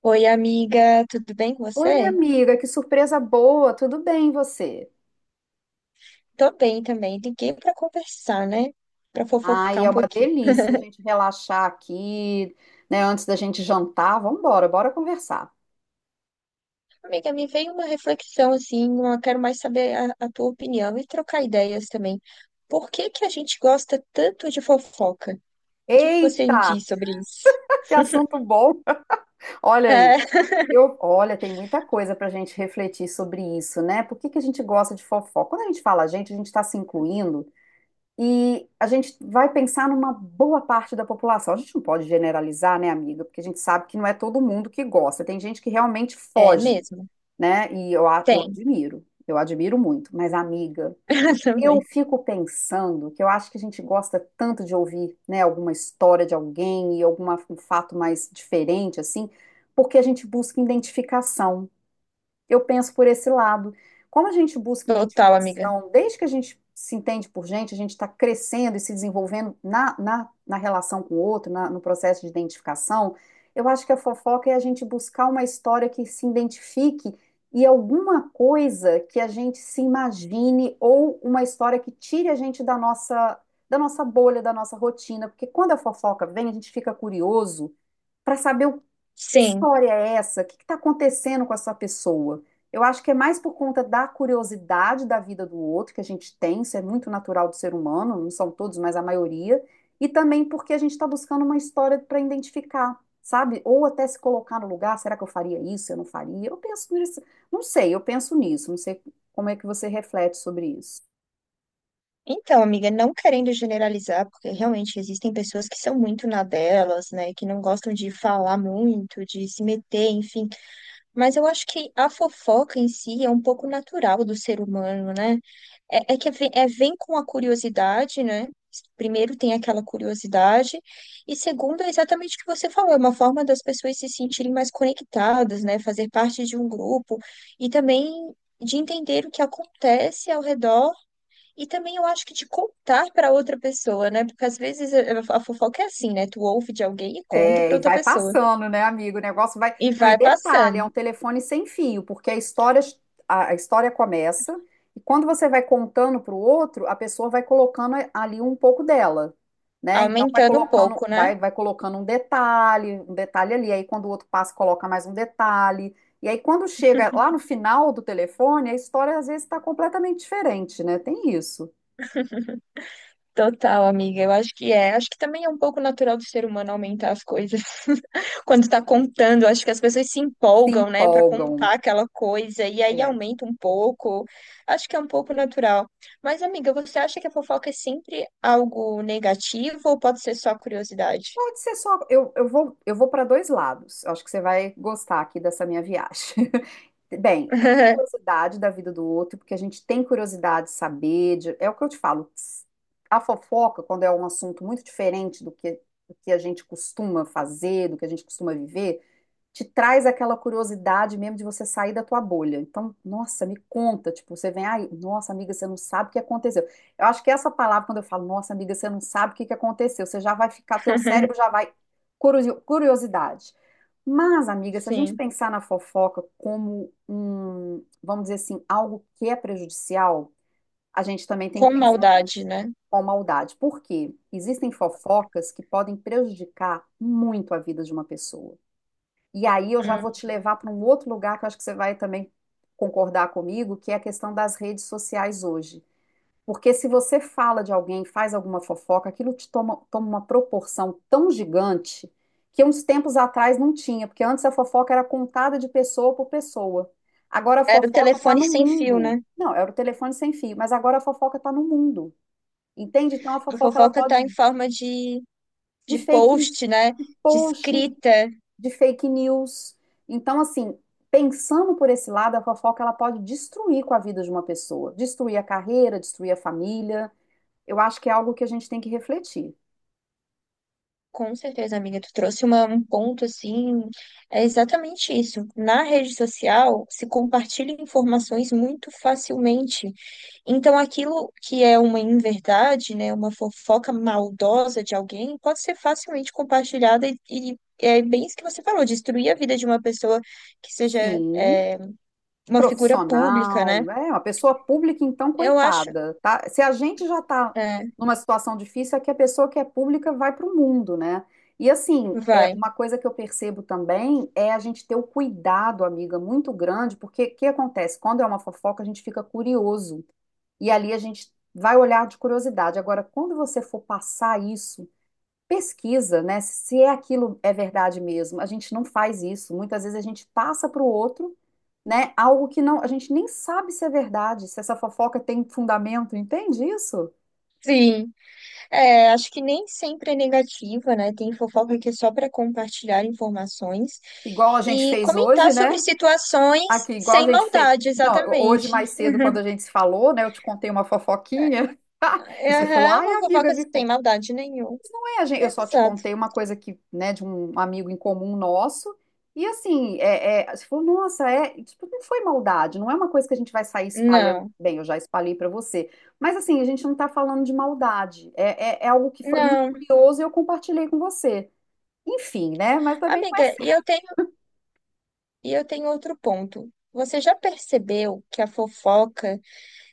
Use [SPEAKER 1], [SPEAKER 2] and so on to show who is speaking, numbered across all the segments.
[SPEAKER 1] Oi, amiga, tudo bem com
[SPEAKER 2] Oi, minha
[SPEAKER 1] você?
[SPEAKER 2] amiga, que surpresa boa, tudo bem e você?
[SPEAKER 1] Tô bem também. Liguei pra conversar, né? Pra
[SPEAKER 2] Ai,
[SPEAKER 1] fofocar
[SPEAKER 2] é
[SPEAKER 1] um
[SPEAKER 2] uma
[SPEAKER 1] pouquinho.
[SPEAKER 2] delícia a gente relaxar aqui, né, antes da gente jantar. Vamos embora, bora conversar.
[SPEAKER 1] Amiga, me veio uma reflexão assim, eu quero mais saber a tua opinião e trocar ideias também. Por que que a gente gosta tanto de fofoca? O que que você me
[SPEAKER 2] Eita,
[SPEAKER 1] diz sobre isso?
[SPEAKER 2] que assunto bom. Olha aí.
[SPEAKER 1] É,
[SPEAKER 2] Olha, tem muita coisa para a gente refletir sobre isso, né? Por que que a gente gosta de fofoca? Quando a gente fala a gente está se incluindo e a gente vai pensar numa boa parte da população. A gente não pode generalizar, né, amiga? Porque a gente sabe que não é todo mundo que gosta. Tem gente que realmente
[SPEAKER 1] é
[SPEAKER 2] foge.
[SPEAKER 1] mesmo.
[SPEAKER 2] Né? E eu, a- eu
[SPEAKER 1] Tem.
[SPEAKER 2] admiro, eu admiro muito. Mas, amiga, eu
[SPEAKER 1] Também.
[SPEAKER 2] fico pensando que eu acho que a gente gosta tanto de ouvir, né, alguma história de alguém e algum fato mais diferente, assim, porque a gente busca identificação. Eu penso por esse lado. Como a gente busca
[SPEAKER 1] Total, amiga.
[SPEAKER 2] identificação, desde que a gente se entende por gente, a gente está crescendo e se desenvolvendo na relação com o outro, no processo de identificação, eu acho que a fofoca é a gente buscar uma história que se identifique e alguma coisa que a gente se imagine ou uma história que tire a gente da nossa bolha, da nossa rotina, porque quando a fofoca vem, a gente fica curioso para saber o que
[SPEAKER 1] Sim.
[SPEAKER 2] história é essa? O que está acontecendo com essa pessoa? Eu acho que é mais por conta da curiosidade da vida do outro que a gente tem, isso é muito natural do ser humano, não são todos, mas a maioria, e também porque a gente está buscando uma história para identificar, sabe? Ou até se colocar no lugar, será que eu faria isso? Eu não faria? Eu penso nisso, não sei, eu penso nisso, não sei como é que você reflete sobre isso.
[SPEAKER 1] Então, amiga, não querendo generalizar, porque realmente existem pessoas que são muito na delas, né, que não gostam de falar muito, de se meter, enfim. Mas eu acho que a fofoca em si é um pouco natural do ser humano, né? Vem com a curiosidade, né? Primeiro tem aquela curiosidade, e segundo é exatamente o que você falou, é uma forma das pessoas se sentirem mais conectadas, né? Fazer parte de um grupo e também de entender o que acontece ao redor e também eu acho que de contar para outra pessoa, né? Porque às vezes a fofoca é assim, né? Tu ouve de alguém e conta
[SPEAKER 2] É,
[SPEAKER 1] para
[SPEAKER 2] e
[SPEAKER 1] outra
[SPEAKER 2] vai
[SPEAKER 1] pessoa.
[SPEAKER 2] passando, né, amigo? O negócio vai.
[SPEAKER 1] E
[SPEAKER 2] Não, e
[SPEAKER 1] vai
[SPEAKER 2] detalhe, é
[SPEAKER 1] passando,
[SPEAKER 2] um telefone sem fio, porque a história, a história começa e quando você vai contando para o outro, a pessoa vai colocando ali um pouco dela, né? Então vai
[SPEAKER 1] aumentando um
[SPEAKER 2] colocando,
[SPEAKER 1] pouco, né?
[SPEAKER 2] vai colocando um detalhe ali. Aí quando o outro passa, coloca mais um detalhe. E aí quando chega lá no final do telefone, a história às vezes está completamente diferente, né? Tem isso.
[SPEAKER 1] Total, amiga. Eu acho que é. Acho que também é um pouco natural do ser humano aumentar as coisas. Quando tá contando, acho que as pessoas se
[SPEAKER 2] Se
[SPEAKER 1] empolgam, né, para
[SPEAKER 2] empolgam.
[SPEAKER 1] contar aquela coisa e aí
[SPEAKER 2] É.
[SPEAKER 1] aumenta um pouco. Acho que é um pouco natural. Mas, amiga, você acha que a fofoca é sempre algo negativo ou pode ser só curiosidade?
[SPEAKER 2] Pode ser só. Eu vou para dois lados. Eu acho que você vai gostar aqui dessa minha viagem. Bem, é curiosidade da vida do outro, porque a gente tem curiosidade de saber. É o que eu te falo. A fofoca, quando é um assunto muito diferente do que a gente costuma fazer, do que a gente costuma viver, te traz aquela curiosidade mesmo de você sair da tua bolha. Então, nossa, me conta, tipo, você vem, ai, nossa, amiga, você não sabe o que aconteceu. Eu acho que essa palavra, quando eu falo, nossa, amiga, você não sabe o que que aconteceu, você já vai ficar, teu cérebro já vai, curiosidade. Mas, amiga, se a gente
[SPEAKER 1] Sim.
[SPEAKER 2] pensar na fofoca como um, vamos dizer assim, algo que é prejudicial, a gente também tem que
[SPEAKER 1] Com
[SPEAKER 2] pensar nisso,
[SPEAKER 1] maldade, né?
[SPEAKER 2] com maldade. Por quê? Existem fofocas que podem prejudicar muito a vida de uma pessoa. E aí eu já
[SPEAKER 1] Hum.
[SPEAKER 2] vou te levar para um outro lugar que eu acho que você vai também concordar comigo, que é a questão das redes sociais hoje. Porque se você fala de alguém, faz alguma fofoca, aquilo te toma, toma uma proporção tão gigante que uns tempos atrás não tinha, porque antes a fofoca era contada de pessoa por pessoa. Agora a
[SPEAKER 1] Era o
[SPEAKER 2] fofoca está
[SPEAKER 1] telefone
[SPEAKER 2] no
[SPEAKER 1] sem fio, né?
[SPEAKER 2] mundo. Não, era o telefone sem fio, mas agora a fofoca está no mundo. Entende? Então a
[SPEAKER 1] A
[SPEAKER 2] fofoca ela
[SPEAKER 1] fofoca
[SPEAKER 2] pode
[SPEAKER 1] tá em forma
[SPEAKER 2] de
[SPEAKER 1] de
[SPEAKER 2] fake em
[SPEAKER 1] post, né? De
[SPEAKER 2] post,
[SPEAKER 1] escrita.
[SPEAKER 2] de fake news. Então, assim, pensando por esse lado, a fofoca ela pode destruir com a vida de uma pessoa, destruir a carreira, destruir a família. Eu acho que é algo que a gente tem que refletir.
[SPEAKER 1] Com certeza, amiga, um ponto assim. É exatamente isso. Na rede social se compartilham informações muito facilmente. Então, aquilo que é uma inverdade, né, uma fofoca maldosa de alguém, pode ser facilmente compartilhada e é bem isso que você falou, destruir a vida de uma pessoa que seja
[SPEAKER 2] Sim,
[SPEAKER 1] é, uma figura pública,
[SPEAKER 2] profissional,
[SPEAKER 1] né?
[SPEAKER 2] né? Uma pessoa pública, então,
[SPEAKER 1] Eu acho.
[SPEAKER 2] coitada, tá? Se a gente já está
[SPEAKER 1] É,
[SPEAKER 2] numa situação difícil, é que a pessoa que é pública vai para o mundo, né? E assim, é
[SPEAKER 1] vai.
[SPEAKER 2] uma coisa que eu percebo também é a gente ter o cuidado, amiga, muito grande, porque o que acontece? Quando é uma fofoca, a gente fica curioso. E ali a gente vai olhar de curiosidade. Agora, quando você for passar isso, pesquisa, né? Se é aquilo é verdade mesmo. A gente não faz isso. Muitas vezes a gente passa para o outro, né? Algo que não, a gente nem sabe se é verdade, se essa fofoca tem fundamento, entende isso?
[SPEAKER 1] Sim. É, acho que nem sempre é negativa, né? Tem fofoca que é só para compartilhar informações
[SPEAKER 2] Igual a gente
[SPEAKER 1] e
[SPEAKER 2] fez
[SPEAKER 1] comentar
[SPEAKER 2] hoje,
[SPEAKER 1] sobre
[SPEAKER 2] né?
[SPEAKER 1] situações
[SPEAKER 2] Aqui, igual a
[SPEAKER 1] sem
[SPEAKER 2] gente fez.
[SPEAKER 1] maldade,
[SPEAKER 2] Não, hoje
[SPEAKER 1] exatamente.
[SPEAKER 2] mais cedo, quando a gente se falou, né? Eu te contei uma fofoquinha. E você falou,
[SPEAKER 1] É
[SPEAKER 2] ai,
[SPEAKER 1] uma
[SPEAKER 2] amiga,
[SPEAKER 1] fofoca
[SPEAKER 2] me
[SPEAKER 1] sem
[SPEAKER 2] conta.
[SPEAKER 1] maldade nenhuma.
[SPEAKER 2] Eu só te
[SPEAKER 1] Exato.
[SPEAKER 2] contei uma coisa que, né, de um amigo em comum nosso. E assim, você falou, nossa, tipo, não foi maldade, não é uma coisa que a gente vai sair espalhando.
[SPEAKER 1] Não,
[SPEAKER 2] Bem, eu já espalhei para você. Mas assim, a gente não está falando de maldade. É algo que foi muito
[SPEAKER 1] não.
[SPEAKER 2] curioso e eu compartilhei com você. Enfim, né? Mas também não é,
[SPEAKER 1] Amiga,
[SPEAKER 2] assim,
[SPEAKER 1] e eu tenho outro ponto. Você já percebeu que a fofoca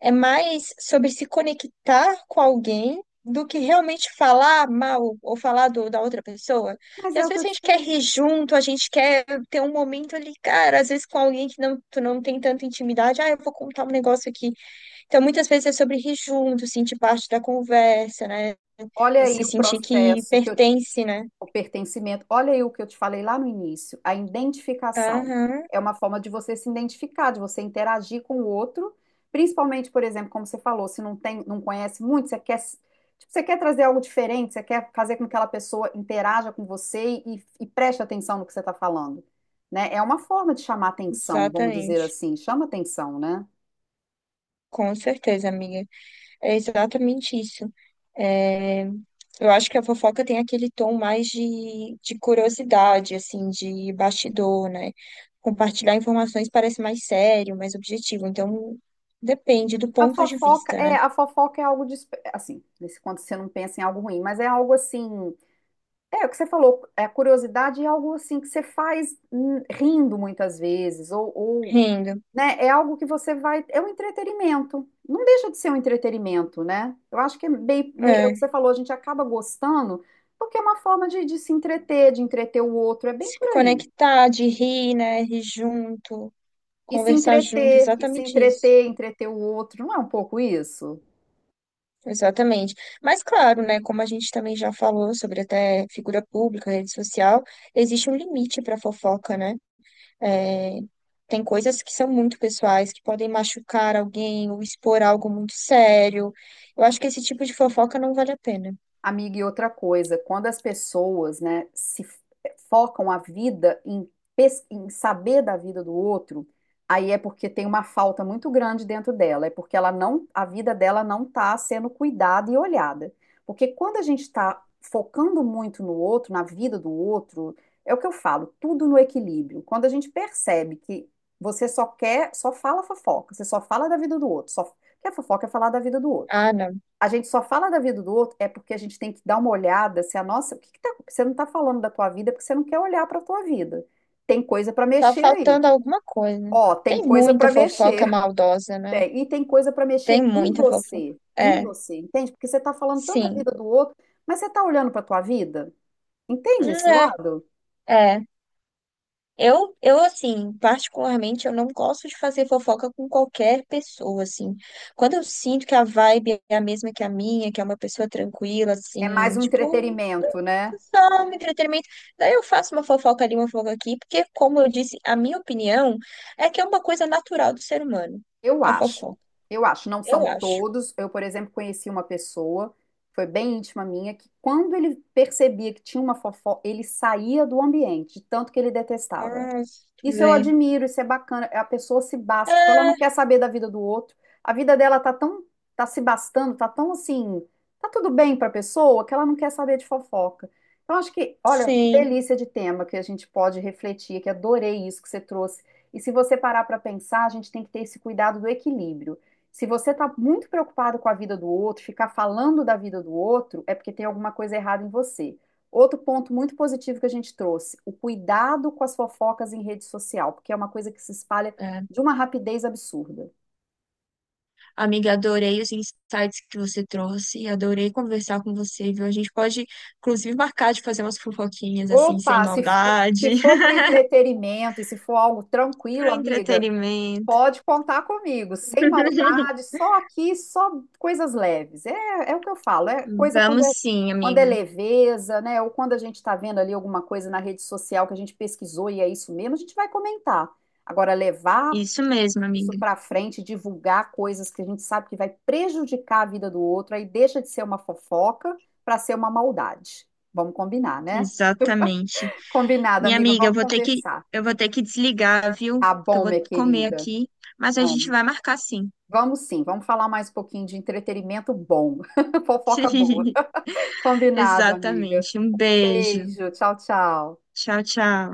[SPEAKER 1] é mais sobre se conectar com alguém do que realmente falar mal ou da outra pessoa?
[SPEAKER 2] mas
[SPEAKER 1] Porque
[SPEAKER 2] é
[SPEAKER 1] às
[SPEAKER 2] o que
[SPEAKER 1] vezes
[SPEAKER 2] eu
[SPEAKER 1] a
[SPEAKER 2] te
[SPEAKER 1] gente quer
[SPEAKER 2] falei.
[SPEAKER 1] rir junto, a gente quer ter um momento ali, cara, às vezes com alguém que não, tu não tem tanta intimidade, ah, eu vou contar um negócio aqui. Então, muitas vezes é sobre rir junto, sentir parte da conversa, né?
[SPEAKER 2] Olha
[SPEAKER 1] Se
[SPEAKER 2] aí o
[SPEAKER 1] sentir que
[SPEAKER 2] processo que eu
[SPEAKER 1] pertence, né?
[SPEAKER 2] O pertencimento. Olha aí o que eu te falei lá no início, a identificação.
[SPEAKER 1] Aham,
[SPEAKER 2] É uma forma de você se identificar, de você interagir com o outro, principalmente, por exemplo, como você falou, se não tem, não conhece muito, você quer, tipo, você quer trazer algo diferente, você quer fazer com que aquela pessoa interaja com você e preste atenção no que você está falando, né? É uma forma de chamar atenção, vamos dizer
[SPEAKER 1] exatamente.
[SPEAKER 2] assim, chama atenção, né?
[SPEAKER 1] Com certeza, amiga. É exatamente isso. É, eu acho que a fofoca tem aquele tom mais de curiosidade, assim, de bastidor, né? Compartilhar informações parece mais sério, mais objetivo. Então, depende do ponto de vista, né?
[SPEAKER 2] A fofoca é algo de, assim, nesse quando você não pensa em algo ruim, mas é algo assim. É, o que você falou, a curiosidade é algo assim que você faz rindo muitas vezes,
[SPEAKER 1] Rindo.
[SPEAKER 2] né, é algo que você vai, é um entretenimento, não deixa de ser um entretenimento, né? Eu acho que é bem, meio, é o que
[SPEAKER 1] É.
[SPEAKER 2] você falou, a gente acaba gostando, porque é uma forma de se entreter, de entreter o outro, é bem
[SPEAKER 1] Se
[SPEAKER 2] por aí.
[SPEAKER 1] conectar, de rir, né? Rir junto,
[SPEAKER 2] E se
[SPEAKER 1] conversar junto,
[SPEAKER 2] entreter, e se
[SPEAKER 1] exatamente isso.
[SPEAKER 2] entreter, entreter o outro, não é um pouco isso?
[SPEAKER 1] Exatamente. Mas claro, né, como a gente também já falou sobre até figura pública, rede social, existe um limite para fofoca, né? É, tem coisas que são muito pessoais, que podem machucar alguém ou expor algo muito sério. Eu acho que esse tipo de fofoca não vale a pena.
[SPEAKER 2] Amiga, e outra coisa, quando as pessoas, né, se f- eh, focam a vida em, em saber da vida do outro, aí é porque tem uma falta muito grande dentro dela, é porque ela não, a vida dela não está sendo cuidada e olhada. Porque quando a gente está focando muito no outro, na vida do outro, é o que eu falo, tudo no equilíbrio. Quando a gente percebe que você só quer, só fala fofoca, você só fala da vida do outro, só quer fofoca é falar da vida do outro
[SPEAKER 1] Ah, não.
[SPEAKER 2] a gente só fala da vida do outro é porque a gente tem que dar uma olhada se a nossa, o que que você não está falando da tua vida porque você não quer olhar para a tua vida. Tem coisa para
[SPEAKER 1] Tá
[SPEAKER 2] mexer aí.
[SPEAKER 1] faltando alguma coisa.
[SPEAKER 2] Ó, tem
[SPEAKER 1] Tem
[SPEAKER 2] coisa
[SPEAKER 1] muita
[SPEAKER 2] para
[SPEAKER 1] fofoca
[SPEAKER 2] mexer.
[SPEAKER 1] maldosa, né?
[SPEAKER 2] Tem, e tem coisa para mexer
[SPEAKER 1] Tem muita fofoca.
[SPEAKER 2] em
[SPEAKER 1] É,
[SPEAKER 2] você, entende? Porque você está falando tanto da
[SPEAKER 1] sim.
[SPEAKER 2] vida do outro, mas você está olhando para a tua vida? Entende esse
[SPEAKER 1] Hum,
[SPEAKER 2] lado?
[SPEAKER 1] é, é. Assim, particularmente, eu não gosto de fazer fofoca com qualquer pessoa, assim. Quando eu sinto que a vibe é a mesma que a minha, que é uma pessoa tranquila,
[SPEAKER 2] É mais
[SPEAKER 1] assim,
[SPEAKER 2] um
[SPEAKER 1] tipo,
[SPEAKER 2] entretenimento, né?
[SPEAKER 1] só um entretenimento. Daí eu faço uma fofoca ali, uma fofoca aqui, porque, como eu disse, a minha opinião é que é uma coisa natural do ser humano,
[SPEAKER 2] Eu
[SPEAKER 1] a
[SPEAKER 2] acho,
[SPEAKER 1] fofoca.
[SPEAKER 2] eu acho, não são
[SPEAKER 1] Eu acho.
[SPEAKER 2] todos. Eu, por exemplo, conheci uma pessoa, foi bem íntima minha, que quando ele percebia que tinha uma fofoca, ele saía do ambiente, de tanto que ele detestava.
[SPEAKER 1] Ah, deixa eu
[SPEAKER 2] Isso eu
[SPEAKER 1] ver.
[SPEAKER 2] admiro, isso é bacana. A pessoa se basta, tipo, ela não
[SPEAKER 1] Ah,
[SPEAKER 2] quer saber da vida do outro. A vida dela tá tão, tá se bastando, tá tão assim, tá tudo bem pra pessoa que ela não quer saber de fofoca. Então acho que, olha, que
[SPEAKER 1] sim.
[SPEAKER 2] delícia de tema que a gente pode refletir, que adorei isso que você trouxe. E se você parar pra pensar, a gente tem que ter esse cuidado do equilíbrio. Se você tá muito preocupado com a vida do outro, ficar falando da vida do outro, é porque tem alguma coisa errada em você. Outro ponto muito positivo que a gente trouxe, o cuidado com as fofocas em rede social, porque é uma coisa que se espalha
[SPEAKER 1] É.
[SPEAKER 2] de uma rapidez absurda.
[SPEAKER 1] Amiga, adorei os insights que você trouxe, adorei conversar com você, viu? A gente pode, inclusive, marcar de fazer umas fofoquinhas assim, sem
[SPEAKER 2] Opa,
[SPEAKER 1] maldade,
[SPEAKER 2] se for para o entretenimento e se for algo tranquilo,
[SPEAKER 1] pro
[SPEAKER 2] amiga,
[SPEAKER 1] entretenimento.
[SPEAKER 2] pode contar comigo, sem maldade, só aqui, só coisas leves. É, é o que eu falo, é coisa
[SPEAKER 1] Vamos sim,
[SPEAKER 2] quando é
[SPEAKER 1] amiga.
[SPEAKER 2] leveza, né? Ou quando a gente está vendo ali alguma coisa na rede social que a gente pesquisou e é isso mesmo, a gente vai comentar. Agora, levar
[SPEAKER 1] Isso mesmo,
[SPEAKER 2] isso
[SPEAKER 1] amiga.
[SPEAKER 2] para frente, divulgar coisas que a gente sabe que vai prejudicar a vida do outro, aí deixa de ser uma fofoca para ser uma maldade. Vamos combinar, né?
[SPEAKER 1] Exatamente.
[SPEAKER 2] Combinado,
[SPEAKER 1] Minha
[SPEAKER 2] amiga,
[SPEAKER 1] amiga,
[SPEAKER 2] vamos conversar.
[SPEAKER 1] eu vou ter que desligar, viu?
[SPEAKER 2] Tá
[SPEAKER 1] Porque eu
[SPEAKER 2] bom,
[SPEAKER 1] vou
[SPEAKER 2] minha
[SPEAKER 1] comer
[SPEAKER 2] querida.
[SPEAKER 1] aqui, mas a gente
[SPEAKER 2] Vamos.
[SPEAKER 1] vai marcar sim.
[SPEAKER 2] Vamos sim, vamos falar mais um pouquinho de entretenimento bom. Fofoca boa. Combinado, amiga.
[SPEAKER 1] Exatamente. Um beijo.
[SPEAKER 2] Beijo, tchau, tchau.
[SPEAKER 1] Tchau, tchau.